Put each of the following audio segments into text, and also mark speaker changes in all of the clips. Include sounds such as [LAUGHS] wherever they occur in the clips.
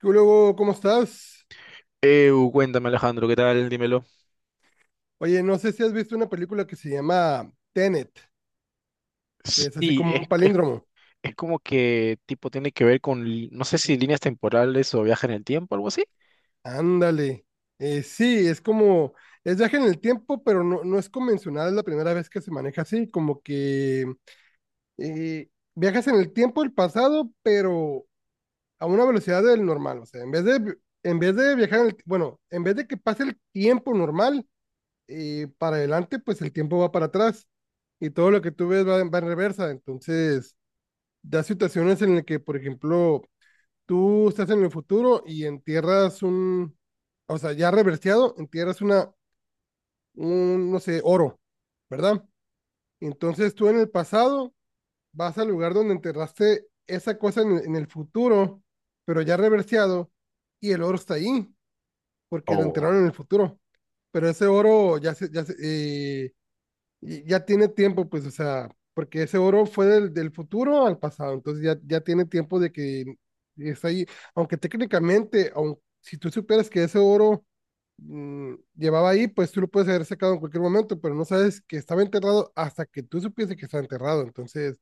Speaker 1: ¿Qué luego? ¿Cómo estás?
Speaker 2: Cuéntame Alejandro, ¿qué tal? Dímelo.
Speaker 1: Oye, no sé si has visto una película que se llama Tenet, que es así
Speaker 2: Sí,
Speaker 1: como un palíndromo.
Speaker 2: es como que tipo tiene que ver con, no sé si líneas temporales o viaje en el tiempo, algo así.
Speaker 1: Ándale. Sí, es viaje en el tiempo, pero no es convencional. Es la primera vez que se maneja así, como que eh, viajas en el tiempo, el pasado, pero a una velocidad del normal. O sea, en vez de viajar, bueno, en vez de que pase el tiempo normal para adelante, pues el tiempo va para atrás y todo lo que tú ves va en reversa. Entonces da situaciones en las que, por ejemplo, tú estás en el futuro y o sea, ya reverseado, entierras un, no sé, oro, ¿verdad? Entonces tú en el pasado vas al lugar donde enterraste esa cosa en el futuro, pero ya reverseado, y el oro está ahí porque lo
Speaker 2: O...
Speaker 1: enterraron en el futuro. Pero ese oro y ya tiene tiempo, pues, o sea, porque ese oro fue del futuro al pasado, entonces ya tiene tiempo de que está ahí, aunque técnicamente, aun, si tú supieras que ese oro llevaba ahí, pues tú lo puedes haber sacado en cualquier momento, pero no sabes que estaba enterrado hasta que tú supieses que estaba enterrado. Entonces,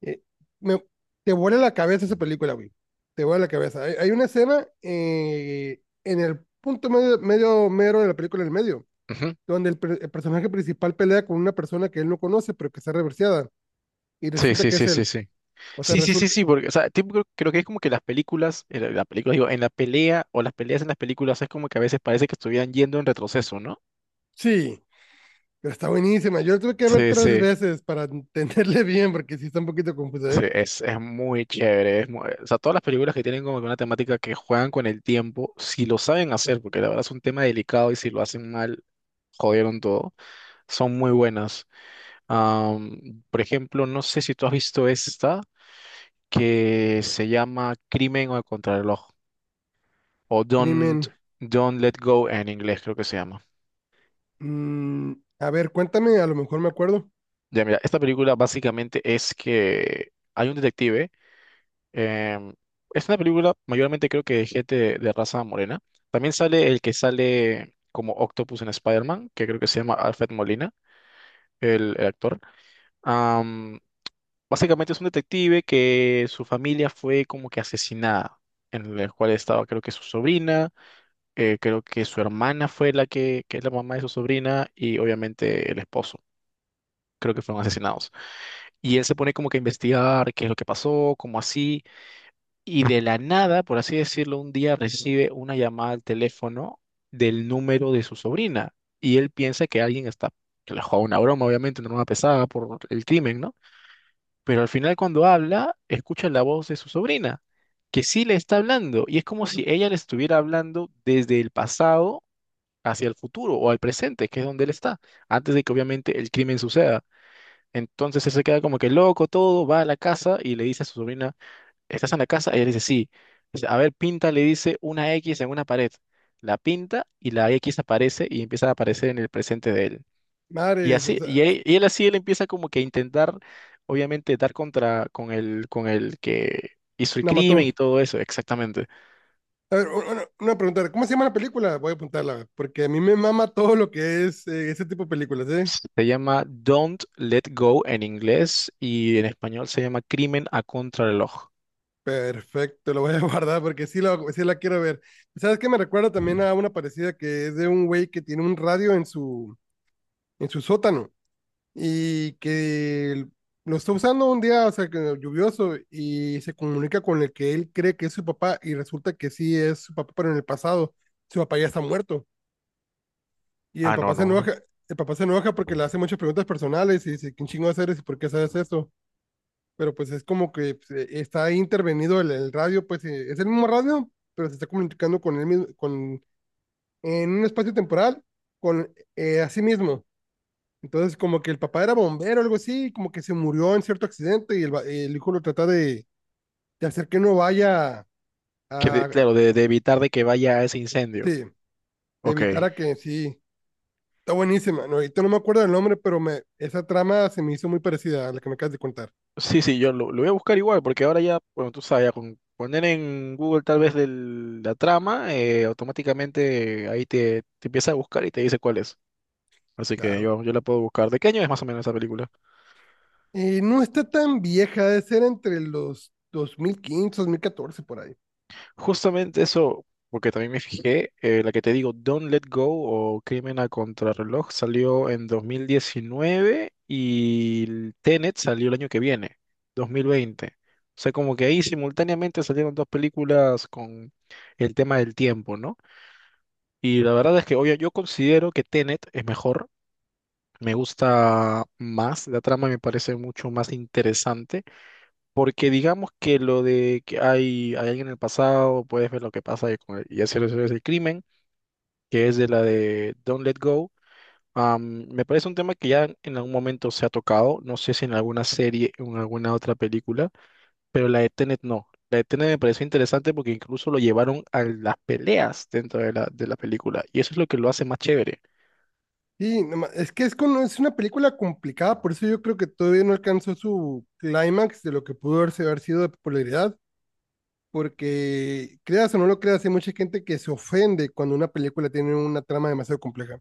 Speaker 1: eh, me- te vuela la cabeza esa película, güey, te vuela la cabeza. Hay una escena, en el punto medio, medio mero de la película, en el medio,
Speaker 2: Ujú.
Speaker 1: donde el personaje principal pelea con una persona que él no conoce, pero que está reverseada, y
Speaker 2: Sí,
Speaker 1: resulta
Speaker 2: sí,
Speaker 1: que es
Speaker 2: sí, sí,
Speaker 1: él.
Speaker 2: sí.
Speaker 1: O sea,
Speaker 2: Sí, sí, sí,
Speaker 1: resulta,
Speaker 2: sí, porque, o sea, tipo, creo que es como que las películas, en la película, digo, en la pelea o las peleas en las películas es como que a veces parece que estuvieran yendo en retroceso, ¿no?
Speaker 1: sí, pero está buenísima. Yo la tuve que ver
Speaker 2: Sí,
Speaker 1: tres
Speaker 2: sí,
Speaker 1: veces para entenderle [LAUGHS] bien, porque sí está un poquito confusa,
Speaker 2: sí,
Speaker 1: ¿eh?
Speaker 2: es muy chévere. Es muy- o sea, todas las películas que tienen como que una temática que juegan con el tiempo, si lo saben hacer, porque la verdad es un tema delicado y si lo hacen mal, jodieron todo. Son muy buenas. Por ejemplo, no sé si tú has visto esta que se llama Crimen o el Contrarreloj o
Speaker 1: Crimen.
Speaker 2: Don't Let Go en inglés, creo que se llama.
Speaker 1: mm, a ver, cuéntame, a lo mejor me acuerdo.
Speaker 2: Ya, mira, esta película básicamente es que hay un detective. em, es una película mayormente creo que de gente de raza morena. También sale el que sale como Octopus en Spider-Man, que creo que se llama Alfred Molina, el actor. Básicamente es un detective que su familia fue como que asesinada, en el cual estaba creo que su sobrina, creo que su hermana fue la que es la mamá de su sobrina y obviamente el esposo, creo que fueron asesinados. Y él se pone como que a investigar qué es lo que pasó, cómo así, y de la nada, por así decirlo, un día recibe una llamada al teléfono del número de su sobrina y él piensa que alguien está, que le juega una broma, obviamente, una broma pesada por el crimen, ¿no? Pero al final cuando habla, escucha la voz de su sobrina, que sí le está hablando, y es como si ella le estuviera hablando desde el pasado hacia el futuro o al presente, que es donde él está, antes de que obviamente el crimen suceda. Entonces él se queda como que loco todo, va a la casa y le dice a su sobrina, ¿estás en la casa? Ella le dice, sí. Dice, a ver, pinta, le dice una X en una pared. La pinta y la X aparece y empieza a aparecer en el presente de él. Y
Speaker 1: Mares, o
Speaker 2: así,
Speaker 1: sea,
Speaker 2: y él, y él empieza como que a intentar, obviamente, dar contra con el que hizo el
Speaker 1: la
Speaker 2: crimen
Speaker 1: mató.
Speaker 2: y todo eso, exactamente.
Speaker 1: A ver, una pregunta, ¿cómo se llama la película? Voy a apuntarla, porque a mí me mama todo lo que es ese tipo de películas, ¿eh?
Speaker 2: Se llama Don't Let Go en inglés y en español se llama Crimen a Contrarreloj.
Speaker 1: Perfecto, lo voy a [LAUGHS] guardar porque sí, lo, sí la quiero ver. ¿Sabes qué? Me recuerda también a una parecida que es de un güey que tiene un radio en su sótano, y que lo está usando un día, o sea, que lluvioso, y se comunica con el que él cree que es su papá, y resulta que sí es su papá, pero en el pasado su papá ya está muerto, y el
Speaker 2: Ah, no,
Speaker 1: papá se
Speaker 2: no, no.
Speaker 1: enoja. El papá se enoja porque le hace muchas preguntas personales y dice, ¿quién chingo eres y por qué sabes esto? Pero pues es como que pues, está intervenido el radio, pues es el mismo radio, pero se está comunicando con él mismo, con, en un espacio temporal, con a sí mismo. Entonces, como que el papá era bombero, o algo así, como que se murió en cierto accidente, y el hijo lo trata de hacer que no vaya
Speaker 2: Que
Speaker 1: a,
Speaker 2: claro, de evitar de que vaya a ese incendio.
Speaker 1: sí, de
Speaker 2: Ok.
Speaker 1: evitar a que sí. Está buenísima. No, ahorita no me acuerdo del nombre, pero me, esa trama se me hizo muy parecida a la que me acabas de contar.
Speaker 2: Sí, sí, lo voy a buscar igual, porque ahora ya, bueno, tú sabes, ya con poner en Google tal vez la trama, automáticamente ahí te empieza a buscar y te dice cuál es. Así que
Speaker 1: Claro.
Speaker 2: yo la puedo buscar. ¿De qué año es más o menos esa película?
Speaker 1: No está tan vieja, debe ser entre los 2015, 2014, por ahí.
Speaker 2: Justamente eso, porque también me fijé, la que te digo, Don't Let Go o Crimen a Contrarreloj salió en 2019 y el Tenet salió el año que viene, 2020. O sea, como que ahí simultáneamente salieron dos películas con el tema del tiempo, ¿no? Y la verdad es que, oye, yo considero que Tenet es mejor, me gusta más, la trama me parece mucho más interesante. Porque digamos que lo de que hay alguien en el pasado, puedes ver lo que pasa y, y hacer eso es el crimen, que es de la de Don't Let Go. Me parece un tema que ya en algún momento se ha tocado, no sé si en alguna serie o en alguna otra película, pero la de Tenet no. La de Tenet me pareció interesante porque incluso lo llevaron a las peleas dentro de la película y eso es lo que lo hace más chévere.
Speaker 1: Sí, no ma- es que es una película complicada, por eso yo creo que todavía no alcanzó su clímax de lo que pudo haber sido de popularidad, porque creas o no lo creas, hay mucha gente que se ofende cuando una película tiene una trama demasiado compleja.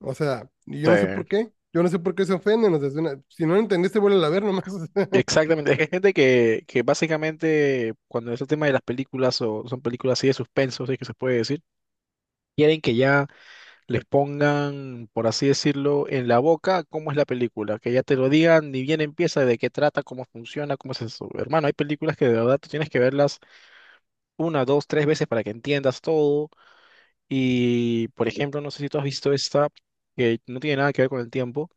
Speaker 1: O sea, y yo no sé por
Speaker 2: Sí.
Speaker 1: qué, yo no sé por qué se ofenden, o sea, es una- si no lo entendiste, vuelve a ver nomás. [LAUGHS] O sea,
Speaker 2: Exactamente, es que hay gente que básicamente cuando es el tema de las películas o son películas así de suspenso, si es que se puede decir, quieren que ya les pongan, por así decirlo, en la boca cómo es la película, que ya te lo digan ni bien empieza, de qué trata, cómo funciona, cómo es eso. Hermano, hay películas que de verdad tú tienes que verlas una, dos, tres veces para que entiendas todo. Y, por ejemplo, no sé si tú has visto esta, que no tiene nada que ver con el tiempo,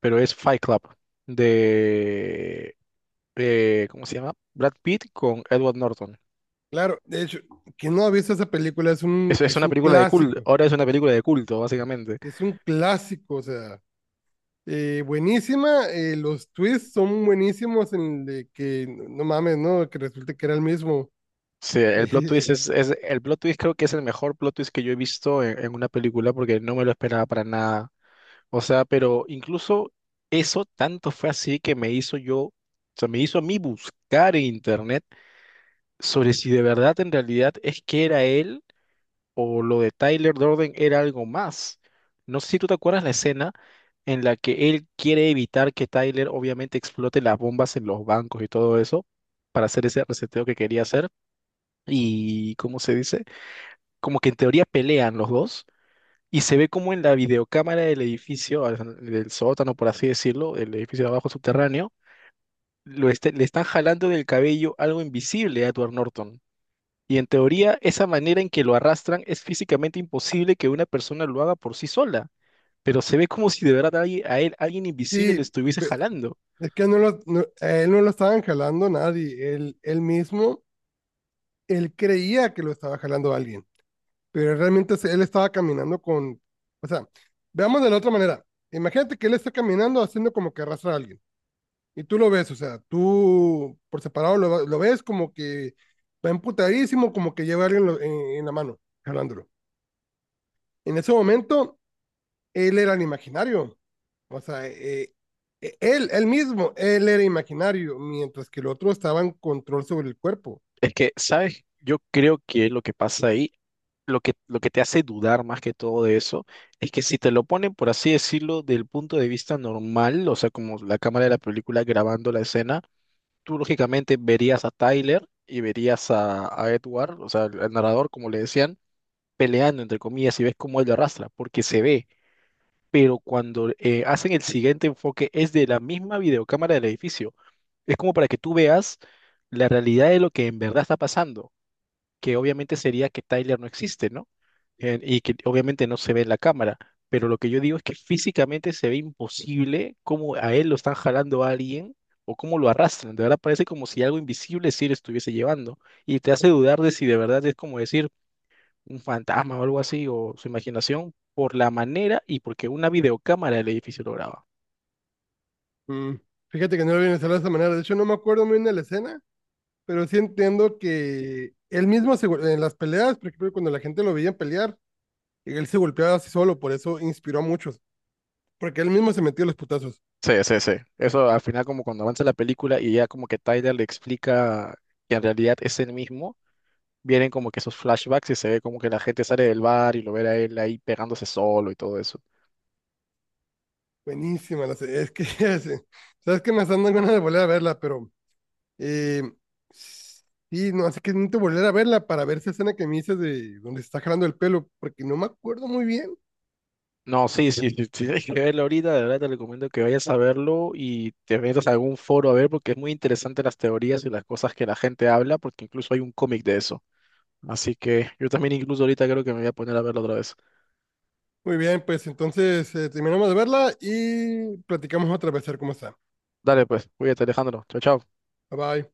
Speaker 2: pero es Fight Club de ¿cómo se llama? Brad Pitt con Edward Norton.
Speaker 1: claro, de hecho, quien no ha visto esa película es
Speaker 2: Es,
Speaker 1: un,
Speaker 2: es
Speaker 1: es
Speaker 2: una
Speaker 1: un
Speaker 2: película de culto,
Speaker 1: clásico,
Speaker 2: ahora es una película de culto, básicamente.
Speaker 1: es un clásico, o sea. Buenísima, los twists son buenísimos en el de que, no mames, ¿no? Que resulte que era el mismo.
Speaker 2: Sí,
Speaker 1: [LAUGHS]
Speaker 2: el plot
Speaker 1: Eh,
Speaker 2: twist es- el plot twist creo que es el mejor plot twist que yo he visto en una película porque no me lo esperaba para nada. O sea, pero incluso eso tanto fue así que me hizo yo, o sea, me hizo a mí buscar en internet sobre si de verdad en realidad es que era él o lo de Tyler Durden era algo más. No sé si tú te acuerdas la escena en la que él quiere evitar que Tyler obviamente explote las bombas en los bancos y todo eso para hacer ese reseteo que quería hacer. Y, ¿cómo se dice? Como que en teoría pelean los dos y se ve como en la videocámara del edificio, del sótano, por así decirlo, el edificio de abajo subterráneo, le están jalando del cabello algo invisible a Edward Norton. Y en teoría, esa manera en que lo arrastran es físicamente imposible que una persona lo haga por sí sola, pero se ve como si de verdad alguien- a él alguien invisible le
Speaker 1: sí,
Speaker 2: estuviese jalando.
Speaker 1: es que no lo, no- a él no lo estaban jalando nadie, él mismo. Él creía que lo estaba jalando alguien, pero realmente él estaba caminando con, o sea, veamos de la otra manera. Imagínate que él está caminando haciendo como que arrastra a alguien, y tú lo ves, o sea, tú por separado lo ves como que va emputadísimo, como que lleva a alguien en la mano, jalándolo. En ese momento, él era el imaginario. O sea, él, él mismo, él era imaginario, mientras que el otro estaba en control sobre el cuerpo.
Speaker 2: Es que, ¿sabes? Yo creo que lo que pasa ahí, lo que te hace dudar más que todo de eso, es que si te lo ponen, por así decirlo, del punto de vista normal, o sea, como la cámara de la película grabando la escena, tú lógicamente verías a Tyler y verías a Edward, o sea, el narrador, como le decían, peleando, entre comillas, y ves cómo él lo arrastra, porque se ve. Pero cuando hacen el siguiente enfoque es de la misma videocámara del edificio. Es como para que tú veas la realidad de lo que en verdad está pasando, que obviamente sería que Tyler no existe, ¿no? Y que obviamente no se ve en la cámara, pero lo que yo digo es que físicamente se ve imposible cómo a él lo están jalando a alguien o cómo lo arrastran. De verdad parece como si algo invisible sí lo estuviese llevando y te hace dudar de si de verdad es como decir un fantasma o algo así, o su imaginación, por la manera y porque una videocámara del edificio lo graba.
Speaker 1: Mm, Fíjate que no lo viene a hacer de esa manera. De hecho, no me acuerdo muy bien de la escena, pero sí entiendo que él mismo en las peleas, por ejemplo, cuando la gente lo veía pelear, él se golpeaba así solo, por eso inspiró a muchos, porque él mismo se metió los putazos.
Speaker 2: Sí, sí, sí. Eso al final como cuando avanza la película y ya como que Tyler le explica que en realidad es él mismo, vienen como que esos flashbacks y se ve como que la gente sale del bar y lo ve a él ahí pegándose solo y todo eso.
Speaker 1: Buenísima es que, [LAUGHS] sabes que me están dando ganas de volver a verla, pero Eh, sí, no, así que necesito volver a verla para ver esa escena que me dices de donde se está jalando el pelo, porque no me acuerdo muy bien.
Speaker 2: No, sí, sí, sí, sí, tienes que verlo ahorita, de verdad te recomiendo que vayas a verlo y te metas a algún foro a ver porque es muy interesante las teorías y las cosas que la gente habla porque incluso hay un cómic de eso. Así que yo también incluso ahorita creo que me voy a poner a verlo otra vez.
Speaker 1: Muy bien, pues entonces terminamos de verla y platicamos otra vez a ver cómo está.
Speaker 2: Dale pues, cuídate Alejandro. Chao, chao.
Speaker 1: Bye bye.